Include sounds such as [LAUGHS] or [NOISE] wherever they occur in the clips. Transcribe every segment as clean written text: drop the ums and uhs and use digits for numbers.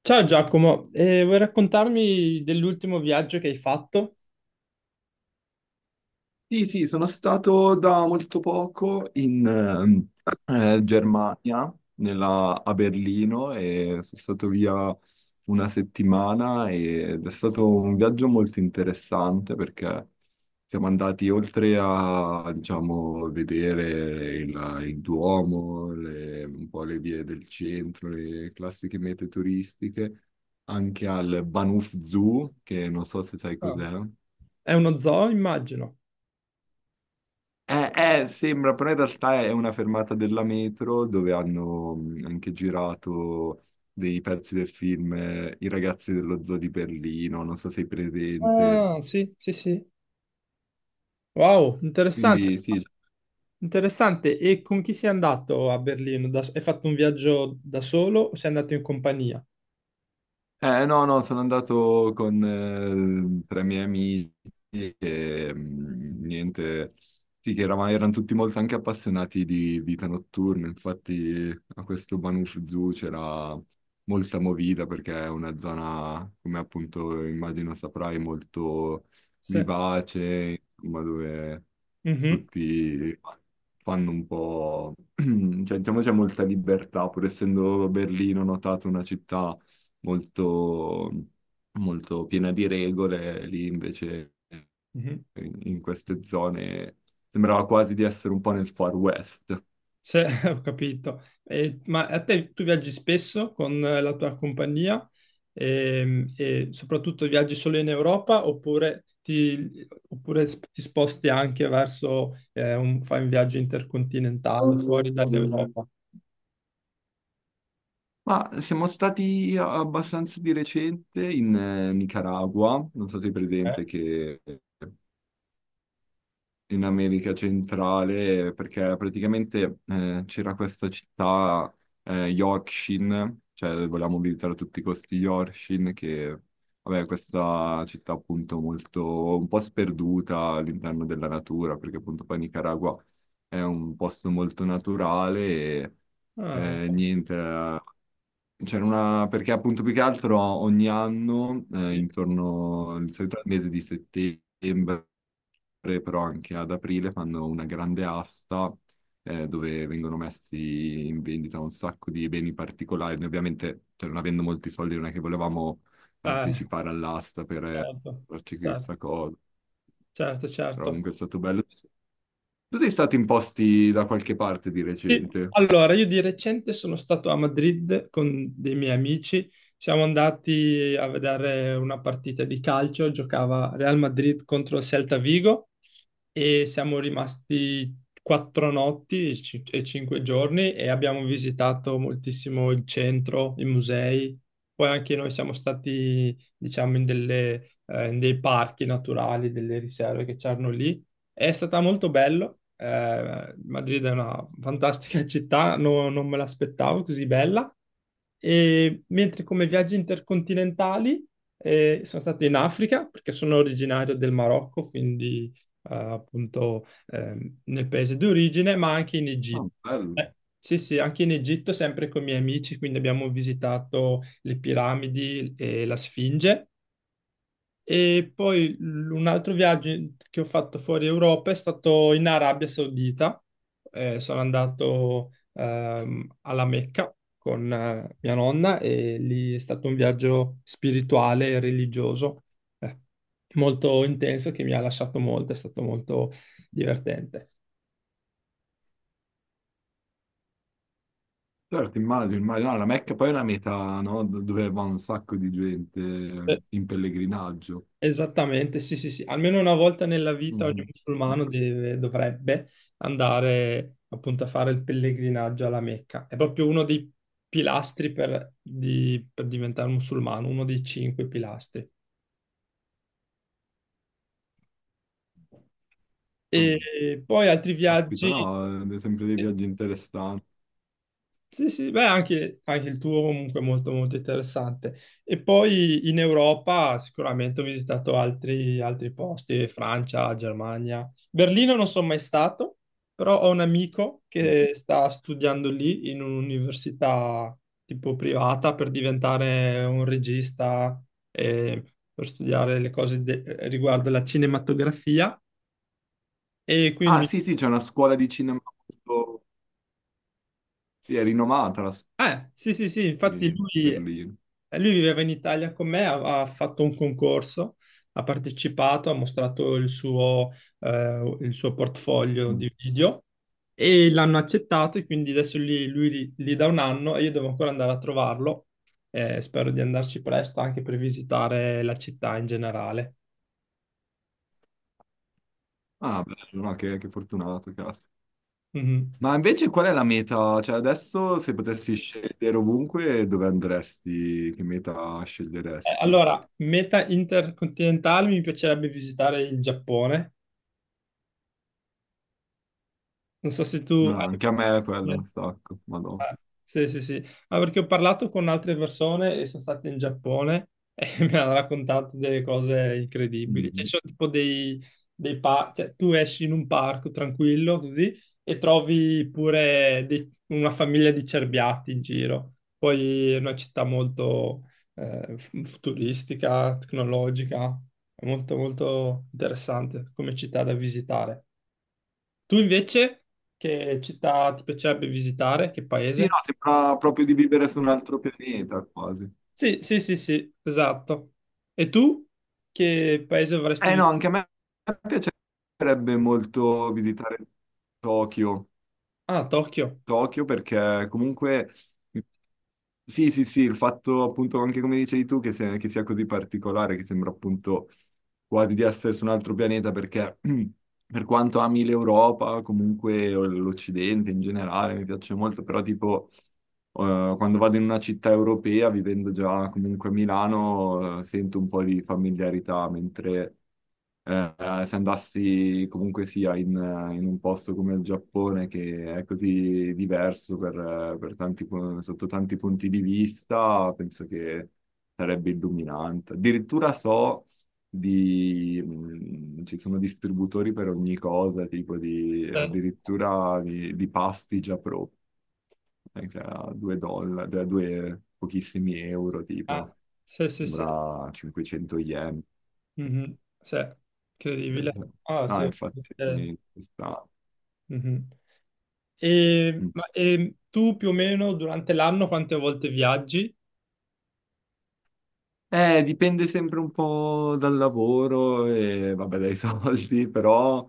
Ciao Giacomo, vuoi raccontarmi dell'ultimo viaggio che hai fatto? Sì, sì, sono stato da molto poco in Germania, a Berlino, e sono stato via 1 settimana ed è stato un viaggio molto interessante perché siamo andati oltre a, diciamo, vedere il Duomo, un po' le vie del centro, le classiche mete turistiche, anche al Bahnhof Zoo, che non so se sai Ah, cos'è. è uno zoo, immagino. Sembra, però in realtà è una fermata della metro dove hanno anche girato dei pezzi del film I ragazzi dello zoo di Berlino, non so se sei presente. Ah, sì, sì, sì. Wow, interessante, Quindi sì. interessante. E con chi sei andato a Berlino? Hai fatto un viaggio da solo o sei andato in compagnia? No, no, sono andato con 3 miei amici e mm, niente, sì, che erano tutti molto anche appassionati di vita notturna. Infatti a questo Banuf Zoo c'era molta movida perché è una zona, come appunto immagino saprai, molto Se... vivace, insomma, dove Mhm, tutti fanno un po'... [CLEARS THROAT] cioè, diciamo c'è molta libertà, pur essendo Berlino, ho notato, una città molto, molto piena di regole, lì invece mhm. In queste zone sembrava quasi di essere un po' nel Far West. [LAUGHS] Ho capito. Ma a te tu viaggi spesso con la tua compagnia. E, soprattutto viaggi solo in Europa oppure ti, oppure ti sposti anche verso, un, fai un viaggio intercontinentale fuori dall'Europa? Ma siamo stati abbastanza di recente in Nicaragua, non so se è Eh? presente, che in America centrale, perché praticamente c'era questa città Yorkshire, cioè volevamo visitare a tutti i costi Yorkshire, che vabbè, questa città appunto molto un po' sperduta all'interno della natura, perché appunto poi Nicaragua è un posto molto naturale e Ah, niente. C'era una, perché appunto più che altro ogni anno, sì. intorno al solito al mese di settembre, però anche ad aprile fanno una grande asta dove vengono messi in vendita un sacco di beni particolari. Noi ovviamente, cioè, non avendo molti soldi, non è che volevamo Ah, partecipare all'asta per certo, farci questa certo, cosa, certo, però certo. comunque è stato bello. Tu sei stato in posti da qualche parte di Sì, recente? allora, io di recente sono stato a Madrid con dei miei amici. Siamo andati a vedere una partita di calcio, giocava Real Madrid contro il Celta Vigo e siamo rimasti quattro notti e cinque giorni e abbiamo visitato moltissimo il centro, i musei. Poi anche noi siamo stati, diciamo, in dei parchi naturali, delle riserve che c'erano lì. È stata molto bello. Madrid è una fantastica città, non me l'aspettavo così bella. E mentre come viaggi intercontinentali, sono stato in Africa perché sono originario del Marocco, quindi appunto nel paese d'origine, ma anche in Ah, Egitto. bello. Sì, sì, anche in Egitto, sempre con i miei amici, quindi abbiamo visitato le piramidi e la Sfinge. E poi un altro viaggio che ho fatto fuori Europa è stato in Arabia Saudita. Sono andato alla Mecca con mia nonna e lì è stato un viaggio spirituale e religioso, eh, molto intenso che mi ha lasciato molto, è stato molto divertente. Certo, immagino, immagino. No, la Mecca poi è una meta, no? Dove va un sacco di gente Eh, in pellegrinaggio. Esattamente, sì, sì, sì. Almeno una volta nella vita ogni Mhm. Ah, musulmano dovrebbe andare appunto a fare il pellegrinaggio alla Mecca. È proprio uno dei pilastri per diventare musulmano, uno dei cinque pilastri. ah. E poi altri Aspetta, viaggi. no, sempre dei viaggi interessanti. Sì, sì, beh, anche, anche il tuo comunque è molto, molto interessante. E poi in Europa sicuramente ho visitato altri posti, Francia, Germania. Berlino non sono mai stato, però ho un amico che sta studiando lì in un'università tipo privata per diventare un regista e per studiare riguardo la cinematografia. E quindi Ah, mi... sì, sì, c'è una scuola di cinema molto... Sì, è rinomata la sì, sì, sì, infatti di lui, Berlino. Lui viveva in Italia con me, ha fatto un concorso, ha partecipato, ha mostrato il suo portfolio Mm. di video e l'hanno accettato e quindi adesso lui li dà un anno e io devo ancora andare a trovarlo. Spero di andarci presto anche per visitare la città in generale. Ah, bello, no, che fortunato, cazzo. Mhm. Ma invece qual è la meta? Cioè, adesso se potessi scegliere ovunque, dove andresti? Che meta sceglieresti? allora, meta intercontinentale mi piacerebbe visitare il Giappone. Non so se tu Ah, hai... anche a me è quello un sacco, ma no. Sì, sì, sì, ma perché ho parlato con altre persone e sono state in Giappone e [LAUGHS] mi hanno raccontato delle cose incredibili. Cioè, ci sono tipo dei, cioè, tu esci in un parco tranquillo così e trovi pure una famiglia di cerbiatti in giro. Poi è una città molto futuristica, tecnologica, è molto molto interessante come città da visitare. Tu invece che città ti piacerebbe visitare? Che Sì, no, paese? sembra proprio di vivere su un altro pianeta, quasi. Sì, sì, sì, sì, esatto. E tu che paese avresti Eh no, visitato? anche a me piacerebbe molto visitare Tokyo. Ah, Tokyo. Tokyo perché comunque sì, sì, sì, il fatto appunto anche come dicevi tu che, che sia così particolare, che sembra appunto quasi di essere su un altro pianeta, perché [CLEARS THROAT] per quanto ami l'Europa, comunque o l'Occidente in generale mi piace molto, però tipo quando vado in una città europea, vivendo già comunque a Milano, sento un po' di familiarità, mentre se andassi comunque sia in un posto come il Giappone, che è così diverso per tanti sotto tanti punti di vista, penso che sarebbe illuminante. Addirittura so di, ci sono distributori per ogni cosa, tipo di, Eh, addirittura di pasti già pro, cioè a 2 dollari, a due pochissimi euro, tipo, ah, sì, sì, sì. sembra 500 yen. Mhm, sì, incredibile. Ah, sì. No, infatti, Eh, mhm. E, mm. ma, e tu più o meno durante l'anno quante volte viaggi? Dipende sempre un po' dal lavoro e vabbè, dai soldi, [LAUGHS] però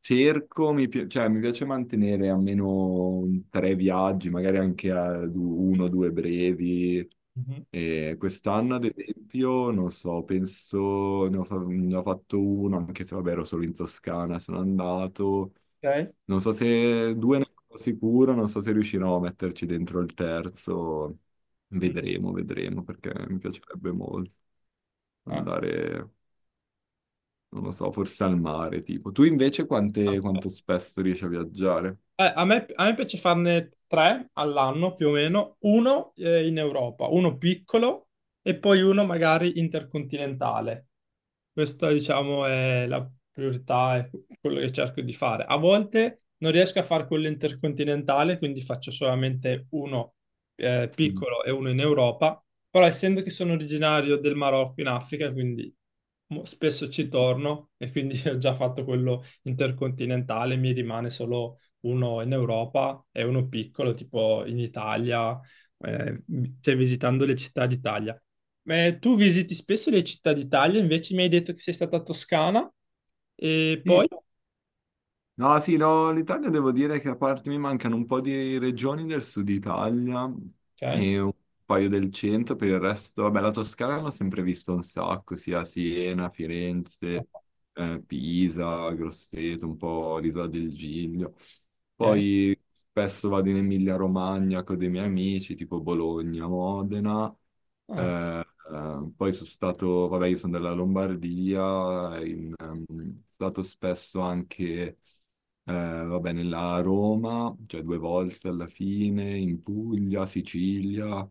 cerco, cioè, mi piace mantenere almeno 3 viaggi, magari anche a uno o due brevi. Mhm, E quest'anno, ad esempio, non so, penso ne ho fatto uno, anche se vabbè, ero solo in Toscana, sono andato. ok. Non so, se due ne sono sicuro, non so se riuscirò a metterci dentro il terzo. Mm, Vedremo, vedremo, perché mi piacerebbe molto ah, andare, non lo so, forse al mare, tipo. Tu invece ah, quanto spesso riesci a viaggiare? eh, a me piace farne 3 all'anno più o meno, uno in Europa, uno piccolo e poi uno magari intercontinentale. Questa, diciamo, è la priorità, è quello che cerco di fare. A volte non riesco a fare quello intercontinentale, quindi faccio solamente uno Mm. piccolo e uno in Europa, però essendo che sono originario del Marocco in Africa, quindi spesso ci torno e quindi [LAUGHS] ho già fatto quello intercontinentale, mi rimane solo uno in Europa e uno piccolo, tipo in Italia, eh, cioè visitando le città d'Italia. Ma tu visiti spesso le città d'Italia, invece mi hai detto che sei stata a Toscana e poi... Sì, no, sì, no, l'Italia devo dire che a parte mi mancano un po' di regioni del sud Italia Ok, e un paio del centro, per il resto, vabbè, la Toscana l'ho sempre vista un sacco, sia Siena, Firenze, Pisa, Grosseto, un po' l'Isola del Giglio. ok. Poi spesso vado in Emilia-Romagna con dei miei amici, tipo Bologna, Modena. Ah, Eh, poi sono stato, vabbè, io sono della Lombardia, sono stato spesso anche vabbè, nella Roma, cioè 2 volte alla fine, in Puglia, Sicilia.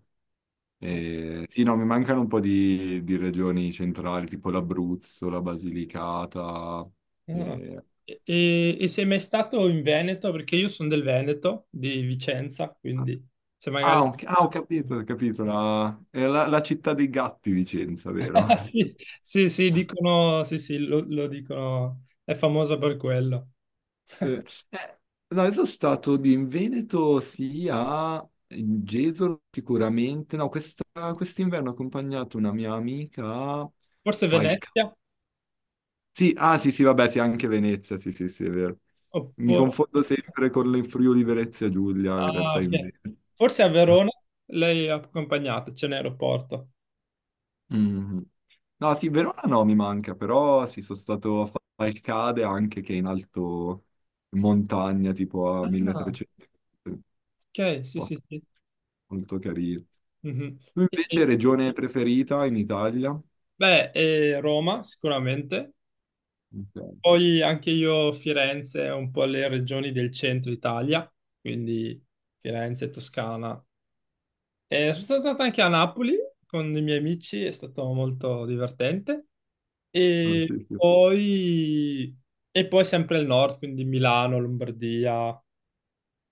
ok. Sì, no, mi mancano un po' di regioni centrali, tipo l'Abruzzo, la Basilicata. Ah. Eh. E, e sei mai stato in Veneto? Perché io sono del Veneto, di Vicenza, quindi se Ah, magari... ho, ah, ho capito, è la città dei gatti, Vicenza, vero? [LAUGHS] Sì, [LAUGHS] sì, sì, dicono, sì, sì, lo dicono, è famosa per quello. Eh, eh, no, io sono stato in Veneto, sì, a Gesolo sicuramente. No, questa- quest'inverno ho accompagnato una mia amica a Forse Falcà. Venezia? Sì, ah sì, sì, vabbè, sì, anche Venezia, sì, sì, sì, è vero. Mi Oppure, confondo sempre con le Friuli Venezia Giulia, in ah, realtà ok. invece. Forse a Verona lei è accompagnata, c'è un aeroporto. Mhm. No, sì, Verona no, mi manca, però sì, sono stato a Falcade anche che è in alto in montagna, tipo a Ah, 1300, un ok, sì, posto sì, sì. molto carino. Mhm. Tu E- e- invece regione preferita in Italia? Beh, e Roma sicuramente. Ok, Poi anche io Firenze, un po' le regioni del centro Italia, quindi Firenze, Toscana. E sono stato anche a Napoli con i miei amici, è stato molto divertente. ah, E sì, sì, poi, e poi sempre il nord, quindi Milano, Lombardia,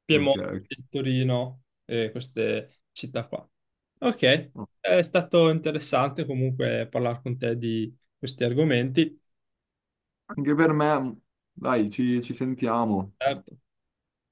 Piemonte, ok. Torino e queste città qua. Ok, Ok. è stato interessante comunque parlare con te di questi argomenti. Anche per me, dai, ci sentiamo. Certo.